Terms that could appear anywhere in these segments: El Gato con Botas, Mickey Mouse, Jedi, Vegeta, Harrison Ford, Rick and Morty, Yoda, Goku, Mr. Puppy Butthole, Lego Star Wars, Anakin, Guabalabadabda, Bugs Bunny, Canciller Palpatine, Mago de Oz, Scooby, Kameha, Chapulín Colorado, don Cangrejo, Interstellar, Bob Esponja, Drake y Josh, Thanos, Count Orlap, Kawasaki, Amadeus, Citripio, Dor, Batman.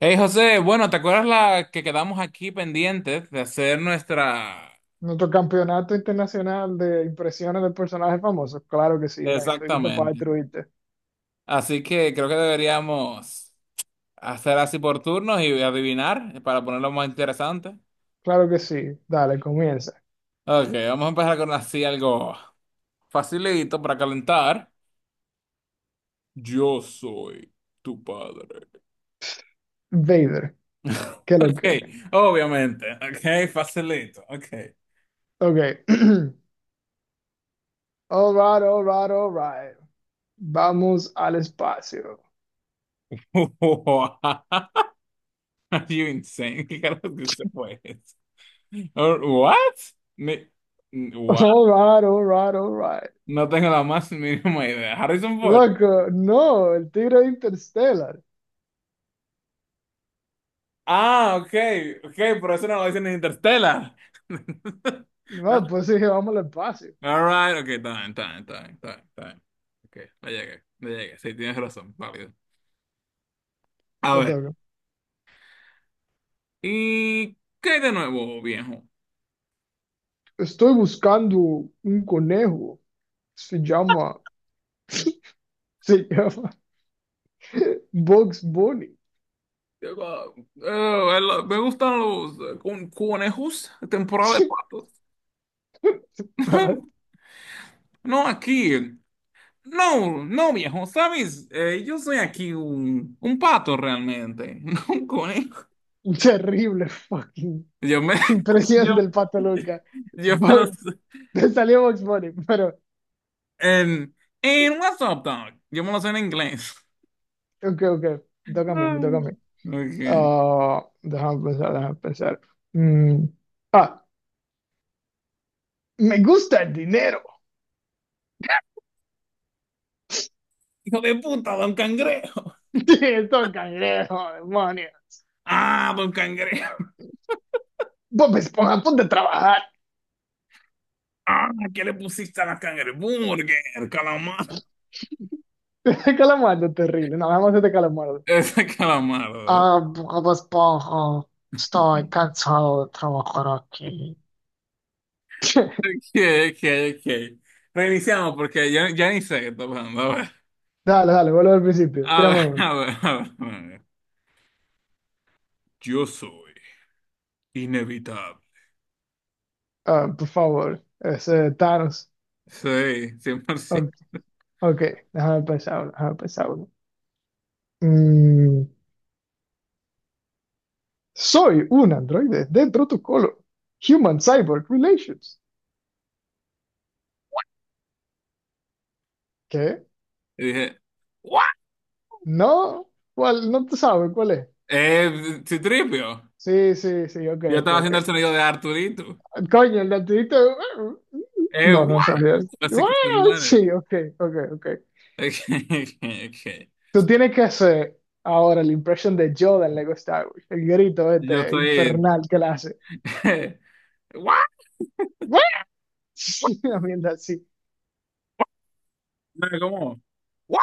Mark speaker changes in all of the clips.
Speaker 1: Hey José, bueno, ¿te acuerdas la que quedamos aquí pendientes de hacer nuestra...
Speaker 2: Nuestro campeonato internacional de impresiones de personajes famosos. Claro que sí, Brian, estoy listo para
Speaker 1: Exactamente.
Speaker 2: destruirte.
Speaker 1: Así que creo que deberíamos hacer así por turnos y adivinar para ponerlo más interesante.
Speaker 2: Claro que sí. Dale, comienza.
Speaker 1: Ok, vamos a empezar con así algo facilito para calentar. Yo soy tu padre.
Speaker 2: Vader, ¿qué es lo
Speaker 1: Ok,
Speaker 2: que?
Speaker 1: obviamente. Ok, facilito. Ok.
Speaker 2: Ok. All right, all right, all right. Vamos al espacio.
Speaker 1: Wow. Are You insane. ¿Qué carajo que se fue Or- What? Ni- what?
Speaker 2: All right, all right, all right.
Speaker 1: No tengo la más mínima idea. Harrison Ford.
Speaker 2: Loco, no, el tigre de Interstellar.
Speaker 1: Ah, okay, okay, por eso no lo dicen en Interstellar.
Speaker 2: No, pues sí, vamos al espacio.
Speaker 1: All right, okay, está bien, está bien, está bien, está bien, está bien. Okay, le llegué, le llegué. Sí, tienes razón, válido. A
Speaker 2: Te
Speaker 1: ver,
Speaker 2: toca.
Speaker 1: ¿y qué hay de nuevo, viejo?
Speaker 2: Estoy buscando un conejo. Se llama, se llama Bugs Bunny.
Speaker 1: Digo, me gustan los conejos, temporada de patos. No, aquí. No, no, viejo, ¿sabes? Yo soy aquí un pato realmente, no un conejo.
Speaker 2: Un terrible fucking
Speaker 1: Yo me,
Speaker 2: impresión
Speaker 1: yo,
Speaker 2: del Pato Luca.
Speaker 1: yo me lo
Speaker 2: Bo-
Speaker 1: sé.
Speaker 2: Te salió Box Bunny, pero
Speaker 1: En, en WhatsApp, dog. Yo me lo sé en inglés.
Speaker 2: ok, ok, me toca a mí, me toca a mí.
Speaker 1: Mm. Okay.
Speaker 2: Déjame pensar, déjame pensar. Mm, ah, Me gusta el dinero.
Speaker 1: Hijo de puta, don Cangrejo.
Speaker 2: Sí, esto cangrejo, demonio.
Speaker 1: Ah, don Cangrejo.
Speaker 2: Bob Esponja, ponte a trabajar.
Speaker 1: Ah, ¿qué le pusiste a la cangreburger? Calamar.
Speaker 2: Calamardo, terrible. No, vamos a hacer calamardo.
Speaker 1: Ese calamar. ¿Verdad?
Speaker 2: Ah, Bob Esponja, estoy cansado de trabajar aquí.
Speaker 1: Ok, ok, ok. Reiniciamos porque ya, ya ni sé qué está pasando.
Speaker 2: Dale, dale, vuelvo al principio.
Speaker 1: A ver,
Speaker 2: Tírame uno.
Speaker 1: a ver, a ver, a ver. Yo soy inevitable.
Speaker 2: Ah, por favor, ese Thanos.
Speaker 1: Sí, 100%.
Speaker 2: O- Ok, déjame pensar uno, déjame pensar uno. Mm, Soy un androide dentro tu colo. Human Cyborg Relations. ¿Qué?
Speaker 1: Y dije, ¿what?
Speaker 2: No, ¿cuál? No te sabes cuál es.
Speaker 1: Citripio.
Speaker 2: Sí, sí, sí, ok,
Speaker 1: Yo
Speaker 2: ok,
Speaker 1: estaba
Speaker 2: ok.
Speaker 1: haciendo el sonido de Arturito.
Speaker 2: Coño, el latidito. No, no
Speaker 1: ¿What?
Speaker 2: sabías.
Speaker 1: Así que se muere.
Speaker 2: Sí, ok, ok, ok.
Speaker 1: Ok, ok, ok.
Speaker 2: Tú tienes que hacer ahora la impresión de Yoda en Lego Star Wars. El grito
Speaker 1: Yo
Speaker 2: este
Speaker 1: soy
Speaker 2: infernal que la hace.
Speaker 1: ¿What? ¿What?
Speaker 2: Una mierda así.
Speaker 1: No, ¿cómo? ¿What?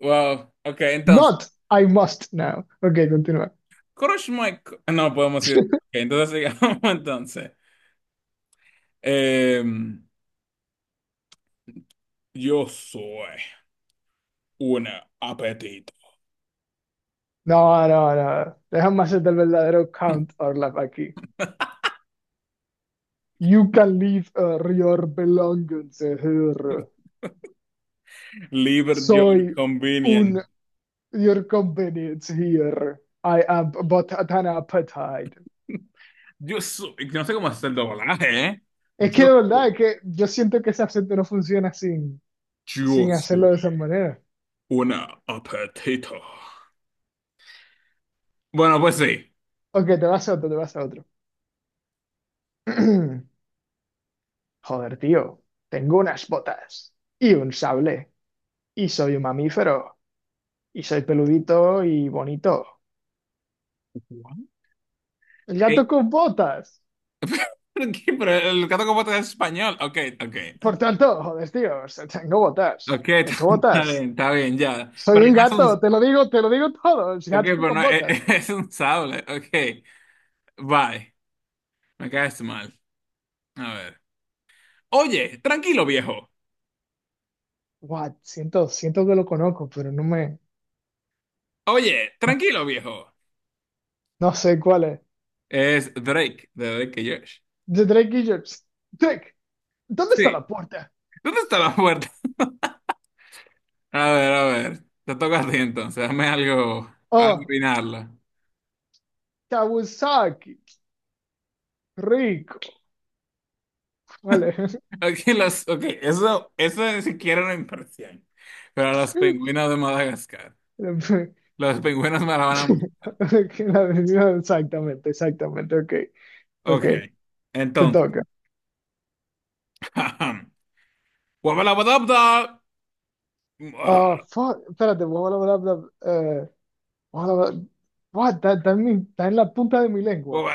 Speaker 1: Wow. Ok, entonces.
Speaker 2: Not, I must now. Ok, continúa.
Speaker 1: Crush my. No podemos ir. Ok, entonces sigamos entonces. Em, yo soy una apetito.
Speaker 2: No, no, no. Déjame hacer el verdadero count Orlap aquí. You can leave your belongings here.
Speaker 1: Liber your
Speaker 2: Soy
Speaker 1: convenience.
Speaker 2: un your convenience here. I am but an appetite.
Speaker 1: Yo soy, no sé cómo hacer el doblaje, ¿eh?
Speaker 2: Es que
Speaker 1: Yo
Speaker 2: de verdad,
Speaker 1: soy,
Speaker 2: es que yo siento que ese acento no funciona
Speaker 1: yo
Speaker 2: sin hacerlo
Speaker 1: soy
Speaker 2: de esa manera.
Speaker 1: una apetito. Bueno, pues sí.
Speaker 2: Ok, te vas a otro, te vas a otro. Joder, tío, tengo unas botas y un sable y soy un mamífero. Y soy peludito y bonito.
Speaker 1: ¿What?
Speaker 2: El
Speaker 1: Eh,
Speaker 2: gato con botas.
Speaker 1: ¿Por qué? Pero el gato con botas es español. Ok, ok. Ok,
Speaker 2: Por tanto, joder, tío, o sea, tengo botas.
Speaker 1: ok,
Speaker 2: Tengo botas.
Speaker 1: está bien, ya.
Speaker 2: Soy
Speaker 1: Pero
Speaker 2: un
Speaker 1: no es
Speaker 2: gato,
Speaker 1: un,
Speaker 2: te lo digo todo. El
Speaker 1: ok,
Speaker 2: gato
Speaker 1: pero
Speaker 2: con
Speaker 1: no,
Speaker 2: botas.
Speaker 1: es, un sable. Ok, bye. Me caes mal. A ver. Oye, tranquilo, viejo.
Speaker 2: What? Siento, siento que lo conozco, pero no me,
Speaker 1: Oye,
Speaker 2: no,
Speaker 1: tranquilo, viejo.
Speaker 2: no sé cuál es.
Speaker 1: Es Drake, de Drake y Josh.
Speaker 2: The Drake Idiots. Drake, ¿dónde está
Speaker 1: Sí.
Speaker 2: la puerta?
Speaker 1: ¿Dónde está la puerta? A ver, te toca a ti entonces, dame algo para
Speaker 2: Oh,
Speaker 1: adivinarla.
Speaker 2: Kawasaki. Rico. Vale.
Speaker 1: Aquí los, ok, eso ni siquiera era una impresión. Pero los pingüinos de Madagascar,
Speaker 2: La-
Speaker 1: los pingüinos me la van a...
Speaker 2: Exactamente, exactamente. Ok, ok.
Speaker 1: Ok,
Speaker 2: Te
Speaker 1: entonces.
Speaker 2: toca.
Speaker 1: Guabalabadabda.
Speaker 2: Ah,
Speaker 1: Guabalaba-
Speaker 2: fuck, espérate, bla, bla, bla, bla, bla, bla, buah, está, está en la punta de mi lengua.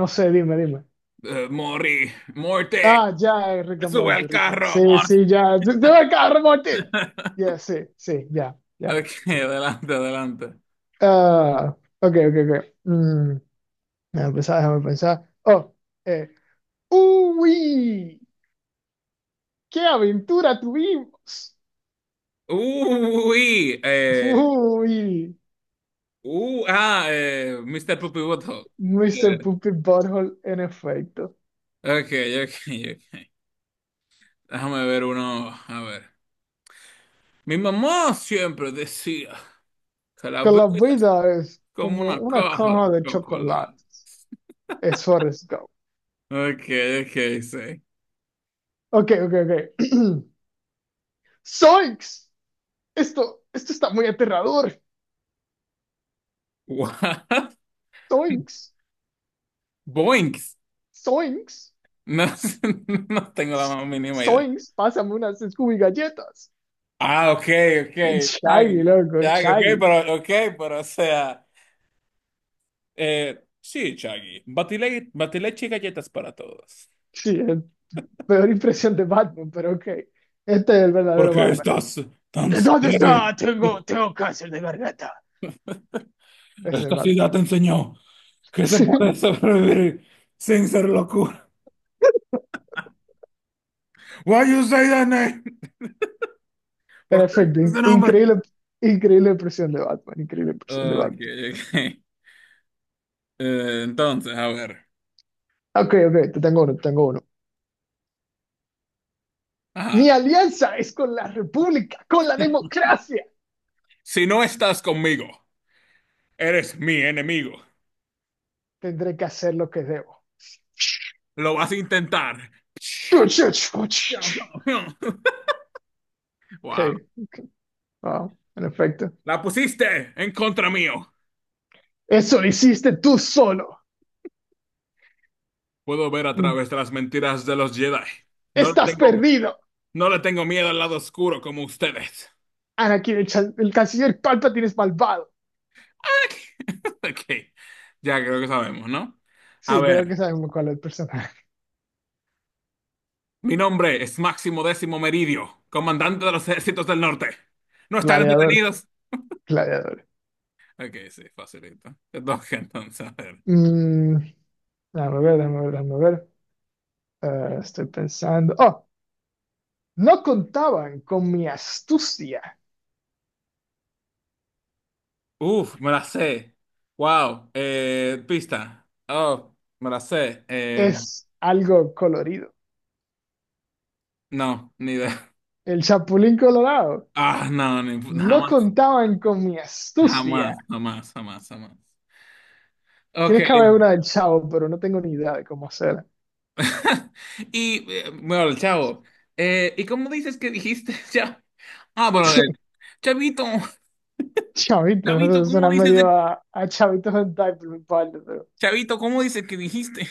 Speaker 2: No sé, dime, dime.
Speaker 1: Morí, muerte,
Speaker 2: Ya, Rick and
Speaker 1: sube
Speaker 2: Morty,
Speaker 1: al
Speaker 2: Sí,
Speaker 1: carro, muerte.
Speaker 2: sí, ya. ¡Se va a Rick and Morty! Ya, sí, sí, ya, ya,
Speaker 1: Ok,
Speaker 2: sí.
Speaker 1: adelante, adelante.
Speaker 2: Ok, ok, ok. Déjame pensar, déjame pensar. Oh, eh. ¡Uy! ¡Qué aventura tuvimos!
Speaker 1: Uy,
Speaker 2: ¡Uy!
Speaker 1: Mr. Puppy
Speaker 2: Mr. Puppy Butthole, en efecto.
Speaker 1: Ok, ok, ok. Déjame ver uno. A ver. Mi mamá siempre decía que la
Speaker 2: Que
Speaker 1: vida
Speaker 2: la
Speaker 1: es
Speaker 2: vida es
Speaker 1: como
Speaker 2: como
Speaker 1: una
Speaker 2: una
Speaker 1: caja
Speaker 2: caja
Speaker 1: de
Speaker 2: de
Speaker 1: chocolate.
Speaker 2: chocolates. Es Forrest Gump.
Speaker 1: Ok, ok, sí.
Speaker 2: Ok, ok, ok. Zoinks. Esto está muy aterrador.
Speaker 1: What?
Speaker 2: Zoinks.
Speaker 1: Boinks.
Speaker 2: Zoinks.
Speaker 1: No, sé, no tengo la más mínima idea.
Speaker 2: Zoinks. Pásame unas Scooby galletas.
Speaker 1: Ah, ok, ok.
Speaker 2: Shaggy,
Speaker 1: Chaggy.
Speaker 2: loco,
Speaker 1: Chaggy,
Speaker 2: Shaggy.
Speaker 1: ok, pero, o sea. Sí, Chaggy. Batile, batileche y galletas para todos.
Speaker 2: Sí, es peor impresión de Batman, pero ok. Este es el
Speaker 1: ¿Por
Speaker 2: verdadero
Speaker 1: qué
Speaker 2: Batman.
Speaker 1: estás tan
Speaker 2: ¿Dónde
Speaker 1: serio?
Speaker 2: está? Tengo, tengo cáncer de garganta. Es el
Speaker 1: Esta
Speaker 2: Batman.
Speaker 1: ciudad te enseñó que se puede sobrevivir sin ser locura. Why you say that name?
Speaker 2: En
Speaker 1: ¿Por qué
Speaker 2: efecto,
Speaker 1: dices ese nombre?
Speaker 2: increíble, increíble impresión de Batman, increíble impresión de
Speaker 1: Ok,
Speaker 2: Batman.
Speaker 1: ok. Entonces, a ver.
Speaker 2: Ok, ok, te tengo uno, te tengo uno. Mi
Speaker 1: Ajá.
Speaker 2: alianza es con la república, con la democracia.
Speaker 1: Si no estás conmigo, eres mi enemigo.
Speaker 2: Tendré que hacer lo que debo.
Speaker 1: Lo vas a intentar.
Speaker 2: Ok,
Speaker 1: Wow.
Speaker 2: wow, en efecto.
Speaker 1: La pusiste en contra mío.
Speaker 2: Eso lo hiciste tú solo.
Speaker 1: Puedo ver a través de las mentiras de los Jedi. No le
Speaker 2: Estás
Speaker 1: tengo,
Speaker 2: perdido.
Speaker 1: no le tengo miedo al lado oscuro como ustedes.
Speaker 2: Anakin, el canciller Palpatine es malvado.
Speaker 1: Ok, ya creo que sabemos, ¿no? A
Speaker 2: Sí, creo
Speaker 1: ver,
Speaker 2: que sabemos cuál es el personaje.
Speaker 1: mi nombre es Máximo Décimo Meridio, comandante de los ejércitos del norte. ¿No están
Speaker 2: Gladiador,
Speaker 1: entretenidos?
Speaker 2: gladiador.
Speaker 1: Ok, sí, facilito. Entonces, entonces, a ver.
Speaker 2: Mm, Déjame ver, déjame ver, déjame ver. Estoy pensando. Oh, no contaban con mi astucia.
Speaker 1: Uf, me la sé. Wow, pista. Oh, me la sé.
Speaker 2: Es algo colorido.
Speaker 1: No, ni idea.
Speaker 2: El Chapulín Colorado.
Speaker 1: Ah, no, ni,
Speaker 2: No
Speaker 1: jamás,
Speaker 2: contaban con mi astucia.
Speaker 1: jamás, jamás, jamás, jamás. Ok.
Speaker 2: Tienes que haber una del Chavo, pero no tengo ni idea de cómo hacerla.
Speaker 1: Y, bueno, chavo, ¿y cómo dices que dijiste, chavo? Ah, bueno, Chavito,
Speaker 2: Chavito,
Speaker 1: Chavito,
Speaker 2: eso
Speaker 1: ¿cómo
Speaker 2: suena
Speaker 1: dices
Speaker 2: medio
Speaker 1: de...
Speaker 2: a Chavitos Hentai por mi parte, pero.
Speaker 1: Chavito, ¿cómo dices que dijiste?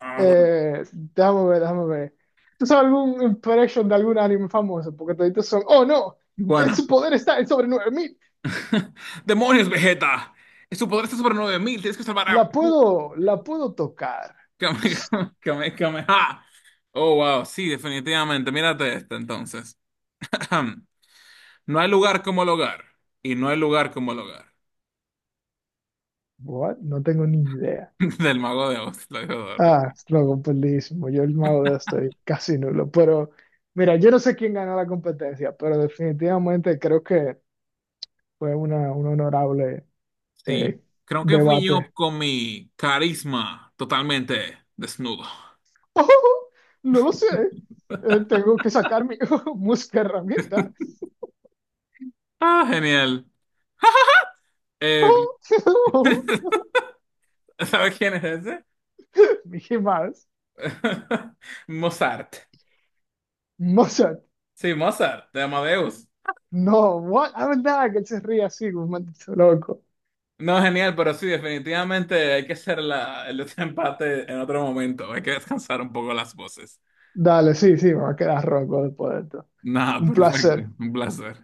Speaker 1: Ah, bueno.
Speaker 2: Déjame ver, déjame ver. ¿Tú sabes algún impression de algún anime famoso? Porque toditos son. ¡Oh, no! Su
Speaker 1: Bueno.
Speaker 2: poder está en sobre 9000.
Speaker 1: Demonios, Vegeta. Su poder está sobre 9000. Tienes que salvar a Goku.
Speaker 2: La puedo tocar.
Speaker 1: Kame- Kame- Kameha. Oh, wow, sí, definitivamente. Mírate esta entonces. No hay lugar como el hogar. Y no hay lugar como el hogar.
Speaker 2: What? No tengo ni idea.
Speaker 1: Del mago de Oz, lo dijo Dor.
Speaker 2: Ah, lo completísimo. Yo el mago de Oz estoy casi nulo. Pero mira, yo no sé quién ganó la competencia, pero definitivamente creo que fue una, un honorable
Speaker 1: Sí,
Speaker 2: eh,
Speaker 1: creo que fui
Speaker 2: debate.
Speaker 1: yo con mi carisma totalmente desnudo.
Speaker 2: No lo sé. Tengo que sacar mi música herramienta.
Speaker 1: Ah, genial. Eh, ¿Sabes quién es ese?
Speaker 2: Mickey Mouse.
Speaker 1: Mozart.
Speaker 2: Mozart.
Speaker 1: Sí, Mozart, de Amadeus.
Speaker 2: No, what? Ah, verdad que él se ríe así, como un maldito loco.
Speaker 1: No, genial, pero sí, definitivamente hay que hacer la, el otro empate en otro momento. Hay que descansar un poco las voces.
Speaker 2: Dale, sí, sí, me va a quedar roco después de esto.
Speaker 1: Nada,
Speaker 2: Un
Speaker 1: perfecto.
Speaker 2: placer.
Speaker 1: Un placer.